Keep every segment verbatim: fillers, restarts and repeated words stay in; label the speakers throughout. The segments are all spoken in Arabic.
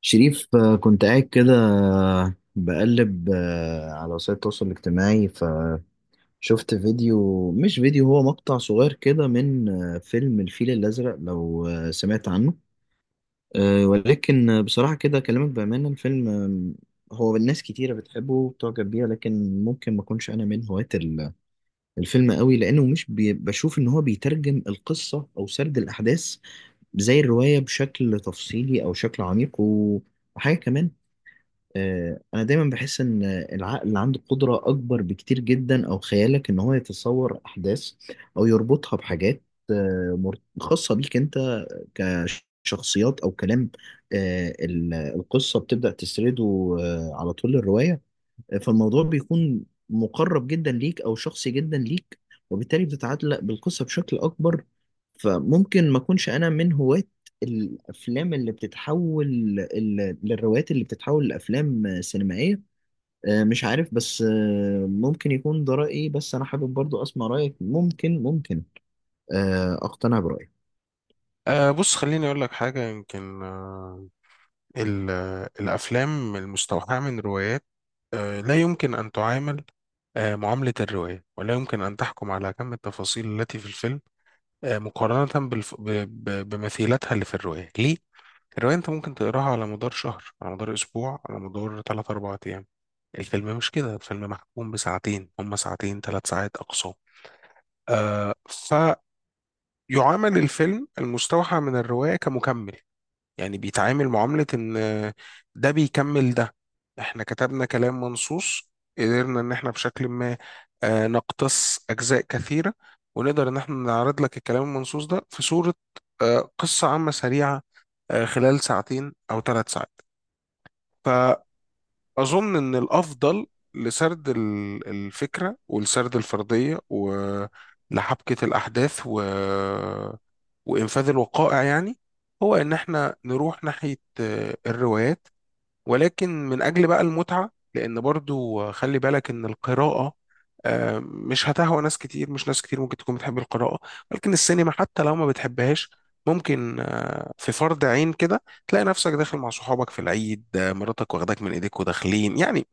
Speaker 1: شريف، آه، كنت قاعد كده آه، بقلب آه، على وسائل التواصل الاجتماعي فشفت فيديو، مش فيديو، هو مقطع صغير كده من آه، فيلم الفيل الأزرق، لو آه، سمعت عنه. آه، ولكن آه، بصراحة كده أكلمك بأمانة، الفيلم، آه، هو الناس كتيرة بتحبه وبتعجب بيه، لكن ممكن ما أكونش أنا من هواة ال- الفيلم قوي، لأنه مش بي- بشوف إن هو بيترجم القصة أو سرد الأحداث زي الرواية بشكل تفصيلي أو شكل عميق و- وحاجة كمان. آه، انا دايما بحس ان العقل اللي عنده قدرة اكبر بكتير جدا، او خيالك، ان هو يتصور احداث او يربطها بحاجات آه، مر- خاصة بيك انت، كشخصيات او كلام. آه، ال- القصة بتبدأ تسرده آه، على طول الرواية، فالموضوع بيكون مقرب جدا ليك، او شخصي جدا ليك، وبالتالي بتتعلق بالقصه بشكل اكبر. فممكن ما اكونش انا من هواة الافلام اللي بتتحول ال- للروايات اللي بتتحول لافلام سينمائيه. آه، مش عارف، بس آه، ممكن يكون ده رايي، بس انا حابب برضو اسمع رايك، ممكن ممكن آه، اقتنع برايك.
Speaker 2: أه بص، خليني أقول لك حاجة. يمكن أه ال- آه، الأفلام المستوحاة من روايات أه لا يمكن أن تعامل أه معاملة الرواية، ولا يمكن أن تحكم على كم التفاصيل التي في الفيلم أه مقارنة بالف... ب... ب... بمثيلتها اللي في الرواية. ليه؟ الرواية أنت ممكن تقراها على مدار شهر، على مدار أسبوع، على مدار ثلاثة أربعة أيام. الفيلم مش كده، الفيلم محكوم بساعتين، هما ساعتين ثلاث ساعات أقصى. آه فيعامل الفيلم المستوحى من الرواية كمكمل، يعني بيتعامل معاملة إن ده بيكمل ده. إحنا كتبنا كلام منصوص، قدرنا إن إحنا بشكل ما آه، نقتص أجزاء كثيرة، ونقدر إن إحنا نعرض لك الكلام المنصوص ده في صورة آه، قصة عامة سريعة، آه، خلال ساعتين أو ثلاث ساعات. أظن إن الأفضل لسرد ال- الفكرة، ولسرد الفرضية، ولحبكة الأحداث و... وإنفاذ الوقائع يعني، هو إن إحنا نروح ناحية آه، الروايات. ولكن من أجل بقى المتعة، لأن برضو خلي بالك إن القراءة آه، مش هتهوى ناس كتير، مش ناس كتير ممكن تكون بتحب القراءة. ولكن السينما حتى لو ما بتحبهاش، ممكن آه، في فرض عين كده تلاقي نفسك داخل مع صحابك في العيد، آه، مراتك واخداك من ايديك وداخلين يعني،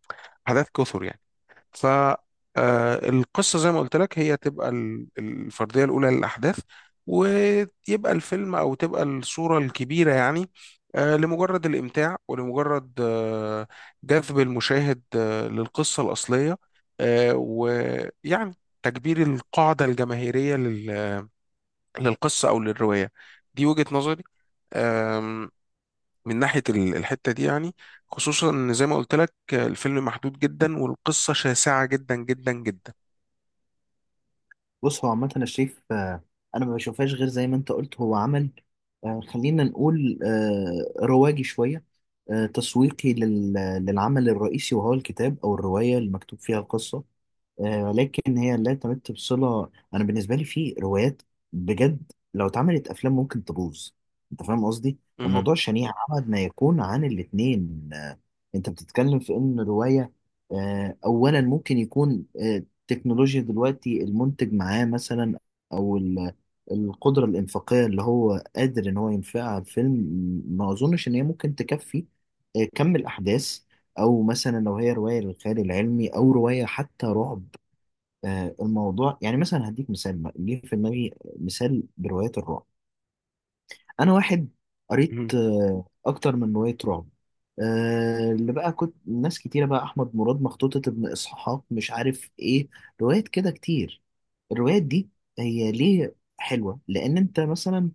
Speaker 2: حاجات كثر يعني. ف آه، القصة زي ما قلت لك هي تبقى ال- الفردية الأولى للأحداث، ويبقى الفيلم أو تبقى الصورة الكبيرة يعني، آه، لمجرد الإمتاع ولمجرد آه، جذب المشاهد آه، للقصة الأصلية، آه، ويعني تكبير القاعدة الجماهيرية لل- للقصة أو للرواية. دي وجهة نظري آم، من ناحية ال- الحتة دي يعني، خصوصا إن زي ما قلت لك آه، الفيلم محدود جدا والقصة شاسعة جدا جدا جدا.
Speaker 1: بص، هو عامة أنا شايف آه، أنا ما بشوفهاش غير زي ما أنت قلت، هو عمل آه، خلينا نقول آه، رواجي شوية، آه، تسويقي لل- للعمل الرئيسي، وهو الكتاب أو الرواية اللي مكتوب فيها القصة. آه، ولكن هي لا تمت بصلة. أنا بالنسبة لي، في روايات بجد لو اتعملت أفلام ممكن تبوظ. أنت فاهم قصدي؟
Speaker 2: مهم.
Speaker 1: الموضوع شنيع، أبعد ما يكون عن الاتنين. آه، أنت بتتكلم في إن رواية آه، أولا ممكن يكون آه، التكنولوجيا دلوقتي، المنتج معاه مثلا، أو ال- القدرة الإنفاقية اللي هو قادر إن هو ينفقها على الفيلم، ما أظنش إن هي ممكن تكفي آه، كم الأحداث. او مثلا لو هي روايه للخيال العلمي، او روايه حتى رعب، آه، الموضوع يعني، مثلا هديك مثال بقى. جه في دماغي مثال بروايات الرعب. انا واحد قريت
Speaker 2: مهم.
Speaker 1: آه، اكتر من روايه رعب، آه، اللي بقى كنت، ناس كتيره بقى، احمد مراد، مخطوطه ابن اسحاق، مش عارف ايه، روايات كده كتير. الروايات دي هي ليه حلوه؟ لان انت مثلا،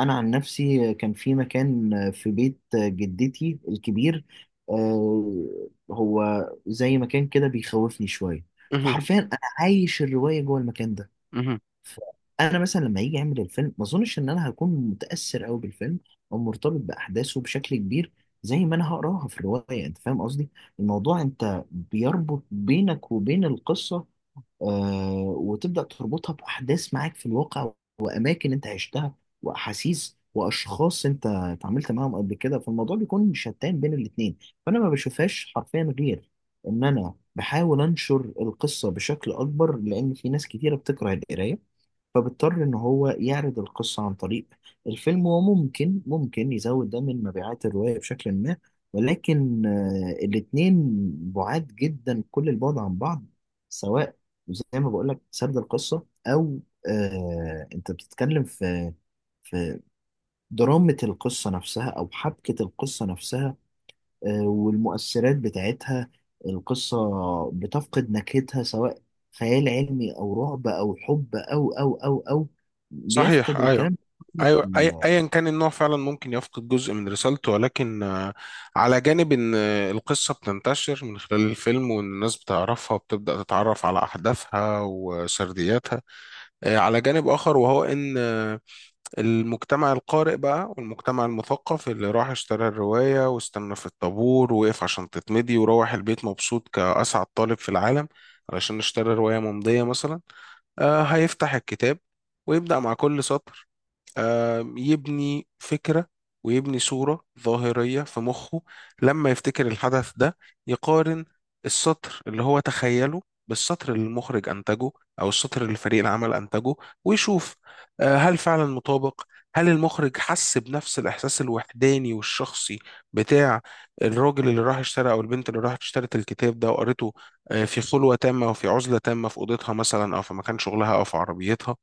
Speaker 1: انا عن نفسي كان في مكان في بيت جدتي الكبير، آه، هو زي مكان كده بيخوفني شويه.
Speaker 2: مهم.
Speaker 1: فحرفيا انا عايش الروايه جوه المكان ده.
Speaker 2: مهم.
Speaker 1: انا مثلا لما يجي يعمل الفيلم، ما اظنش ان انا هكون متاثر قوي بالفيلم او مرتبط باحداثه بشكل كبير زي ما انا هقراها في الروايه. انت فاهم قصدي؟ الموضوع، انت بيربط بينك وبين القصه، آه وتبدا تربطها باحداث معاك في الواقع، واماكن انت عشتها، واحاسيس واشخاص انت اتعاملت معاهم قبل كده. فالموضوع بيكون شتان بين الاتنين. فانا ما بشوفهاش حرفيا غير ان انا بحاول انشر القصه بشكل اكبر، لان في ناس كتيره بتكره القرايه، فبيضطر ان هو يعرض القصة عن طريق الفيلم، وممكن ممكن يزود ده من مبيعات الرواية بشكل ما. ولكن آه، الاتنين بعاد جدا كل البعد عن بعض، سواء زي ما بقولك سرد القصة، او آه انت بتتكلم في في درامة القصة نفسها، او حبكة القصة نفسها، آه، والمؤثرات بتاعتها. القصة بتفقد نكهتها، سواء خيال علمي أو رعب أو حب أو أو أو أو
Speaker 2: صحيح،
Speaker 1: بيفقد
Speaker 2: ايوه.
Speaker 1: الكلام
Speaker 2: ايوه، أي-
Speaker 1: كله.
Speaker 2: ايا كان النوع فعلا ممكن يفقد جزء من رسالته، ولكن آه، على جانب ان آه، القصه بتنتشر من خلال الفيلم، وان الناس بتعرفها وبتبدا تتعرف على احداثها وسردياتها، آه، على جانب اخر وهو ان آه، المجتمع القارئ بقى والمجتمع المثقف اللي راح اشترى الروايه واستنى في الطابور ووقف عشان تتمضي وروح البيت مبسوط كاسعد طالب في العالم، علشان اشترى روايه ممضيه مثلا. آه، هيفتح الكتاب ويبدأ مع كل سطر، آم، يبني فكرة ويبني صورة ظاهرية في مخه. لما يفتكر الحدث ده، يقارن السطر اللي هو تخيله بالسطر اللي المخرج أنتجه، أو السطر اللي فريق العمل أنتجه، ويشوف آه، هل فعلا مطابق، هل المخرج حس بنفس الإحساس الوحداني والشخصي بتاع الراجل اللي راح اشترى أو البنت اللي راحت اشترت الكتاب ده وقرته آه، في خلوة تامة وفي عزلة تامة، في أوضتها مثلا أو في مكان شغلها أو في عربيتها.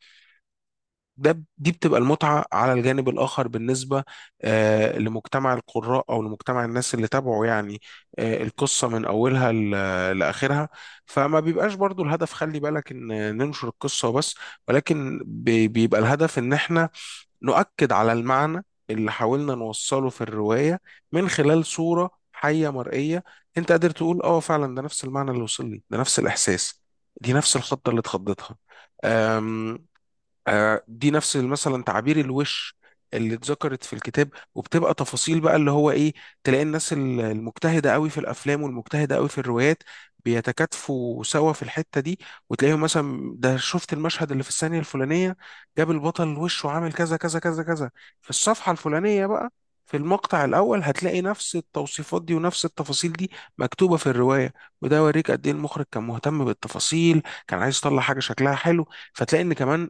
Speaker 2: ده، دي بتبقى المتعة على الجانب الآخر، بالنسبة آه، لمجتمع القراء أو لمجتمع الناس اللي تابعوا يعني، آه، القصة من أولها ل- لآخرها. فما بيبقاش برضو الهدف، خلي بالك إن، ننشر القصة وبس، ولكن بي- بيبقى الهدف إن إحنا نؤكد على المعنى اللي حاولنا نوصله في الرواية من خلال صورة حية مرئية. أنت قادر تقول: آه فعلا، ده نفس المعنى اللي وصل لي، ده نفس الإحساس، دي نفس الخطة اللي اتخضتها، آه، دي نفس مثلا تعابير الوش اللي اتذكرت في الكتاب. وبتبقى تفاصيل بقى اللي هو ايه. تلاقي الناس ال- المجتهدة قوي في الافلام والمجتهدة قوي في الروايات بيتكاتفوا سوا في الحتة دي، وتلاقيهم مثلا: ده شفت المشهد اللي في الثانية الفلانية، جاب البطل وشه عامل كذا كذا كذا كذا. في الصفحة الفلانية بقى، في المقطع الأول هتلاقي نفس التوصيفات دي ونفس التفاصيل دي مكتوبة في الرواية. وده يوريك قد إيه المخرج كان مهتم بالتفاصيل، كان عايز يطلع حاجة شكلها حلو. فتلاقي ان كمان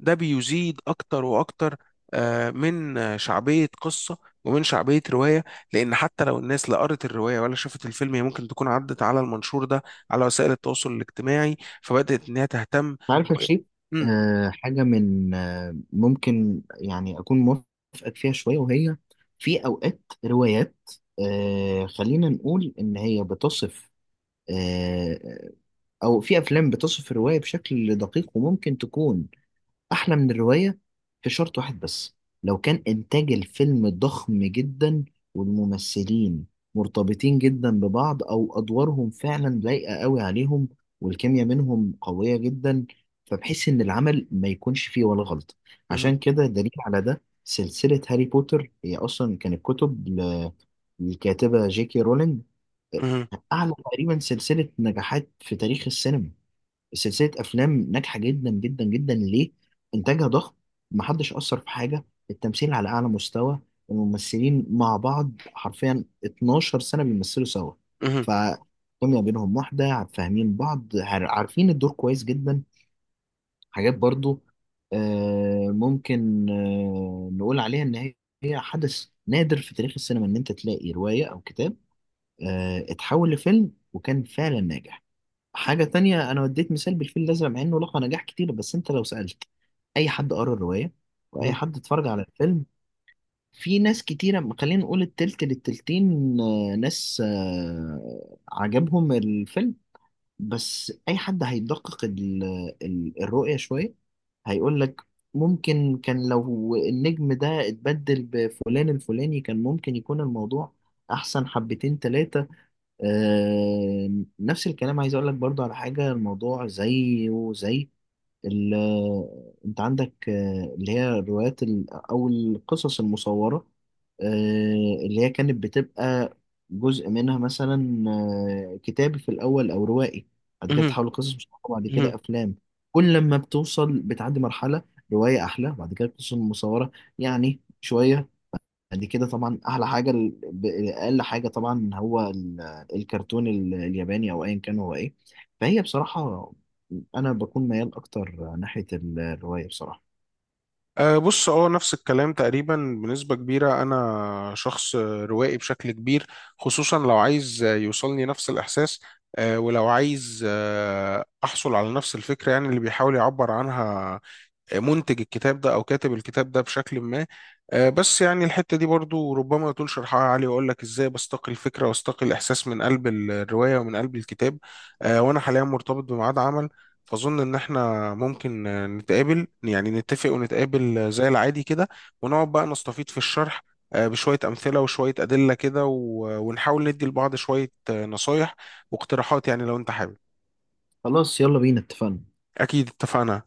Speaker 2: ده بيزيد أكتر وأكتر آه، من آه، شعبية قصة ومن شعبية رواية. لأن حتى لو الناس لا قرت الرواية ولا شافت الفيلم، هي ممكن تكون عدت على المنشور ده على وسائل التواصل الاجتماعي، فبدأت إنها تهتم.
Speaker 1: عارف
Speaker 2: طب
Speaker 1: يا
Speaker 2: إيه-
Speaker 1: شيخ،
Speaker 2: مم.
Speaker 1: آه، حاجة من آه، ممكن يعني أكون موافقك فيها شوية، وهي في أوقات روايات، آه، خلينا نقول إن هي بتصف آه، أو في أفلام بتصف الرواية بشكل دقيق، وممكن تكون أحلى من الرواية في شرط واحد بس: لو كان إنتاج الفيلم ضخم جدا، والممثلين مرتبطين جدا ببعض، أو أدوارهم فعلا لايقة قوي عليهم، والكيمياء منهم قوية جدا، فبحيث إن العمل ما يكونش فيه ولا غلط.
Speaker 2: مهم.
Speaker 1: عشان كده، دليل على ده سلسلة هاري بوتر، هي أصلا كانت كتب ل- للكاتبة جي كي رولينج،
Speaker 2: مهم.
Speaker 1: أعلى تقريبا سلسلة نجاحات في تاريخ السينما، سلسلة أفلام ناجحة جدا جدا جدا. ليه؟ إنتاجها ضخم، محدش أثر في حاجة، التمثيل على أعلى مستوى، الممثلين مع بعض حرفيا اتناشر سنة بيمثلوا سوا،
Speaker 2: مهم.
Speaker 1: فكيميا بينهم واحدة، فاهمين بعض، عار- عارفين الدور كويس جدا. حاجات برضو آه، ممكن آه، نقول عليها إن هي هي حدث نادر في تاريخ السينما، إن أنت تلاقي رواية أو كتاب آه، اتحول لفيلم وكان فعلا ناجح. حاجة تانية، أنا وديت مثال بالفيل الأزرق، مع إنه لقى نجاح كتير، بس أنت لو سألت أي حد قرأ الرواية وأي حد اتفرج على الفيلم، في ناس كتيرة خلينا نقول التلت للتلتين، آه، ناس آه، عجبهم الفيلم. بس أي حد هيدقق ال- ال- الرؤية شوية، هيقول لك ممكن كان لو النجم ده اتبدل بفلان الفلاني، كان ممكن يكون الموضوع أحسن حبتين تلاتة. آه، نفس الكلام عايز اقول لك برضو على حاجه، الموضوع زي وزي ال- انت عندك آه، اللي هي الروايات ال- او القصص المصوره، آه، اللي هي كانت بتبقى جزء منها مثلا آه، كتابي في الاول او روائي، بعد كده
Speaker 2: مهم.
Speaker 1: بتحول قصص مصوره، بعد
Speaker 2: مهم.
Speaker 1: كده افلام. كل لما بتوصل بتعدي مرحله، روايه احلى، بعد كده قصص مصوره يعني شويه، بعد كده طبعا احلى حاجه ال- ب- اقل حاجه طبعا هو ال- الكرتون ال- الياباني، او ايا كان هو ايه. فهي بصراحه، انا بكون ميال اكتر ناحيه ال- الروايه بصراحه.
Speaker 2: أه بص، اه نفس الكلام تقريبا بنسبة كبيرة. أنا شخص روائي بشكل كبير، خصوصا لو عايز يوصلني نفس الإحساس. أه ولو عايز أه أحصل على نفس الفكرة يعني، اللي بيحاول يعبر عنها منتج الكتاب ده او كاتب الكتاب ده بشكل ما. آه، بس يعني الحته دي برضو ربما يطول شرحها علي، واقول لك ازاي بستقي الفكره واستقي الاحساس من قلب ال- الروايه ومن قلب الكتاب. آه، وانا حاليا مرتبط بميعاد عمل، فاظن ان احنا ممكن آه، نتقابل يعني، نتفق ونتقابل آه، زي العادي كده، ونقعد بقى نستفيض في الشرح آه، بشويه امثله وشويه ادله كده. و- ونحاول ندي لبعض شويه آه، نصايح واقتراحات، يعني لو انت حابب.
Speaker 1: خلاص، يلا بينا، اتفقنا.
Speaker 2: اكيد اتفقنا.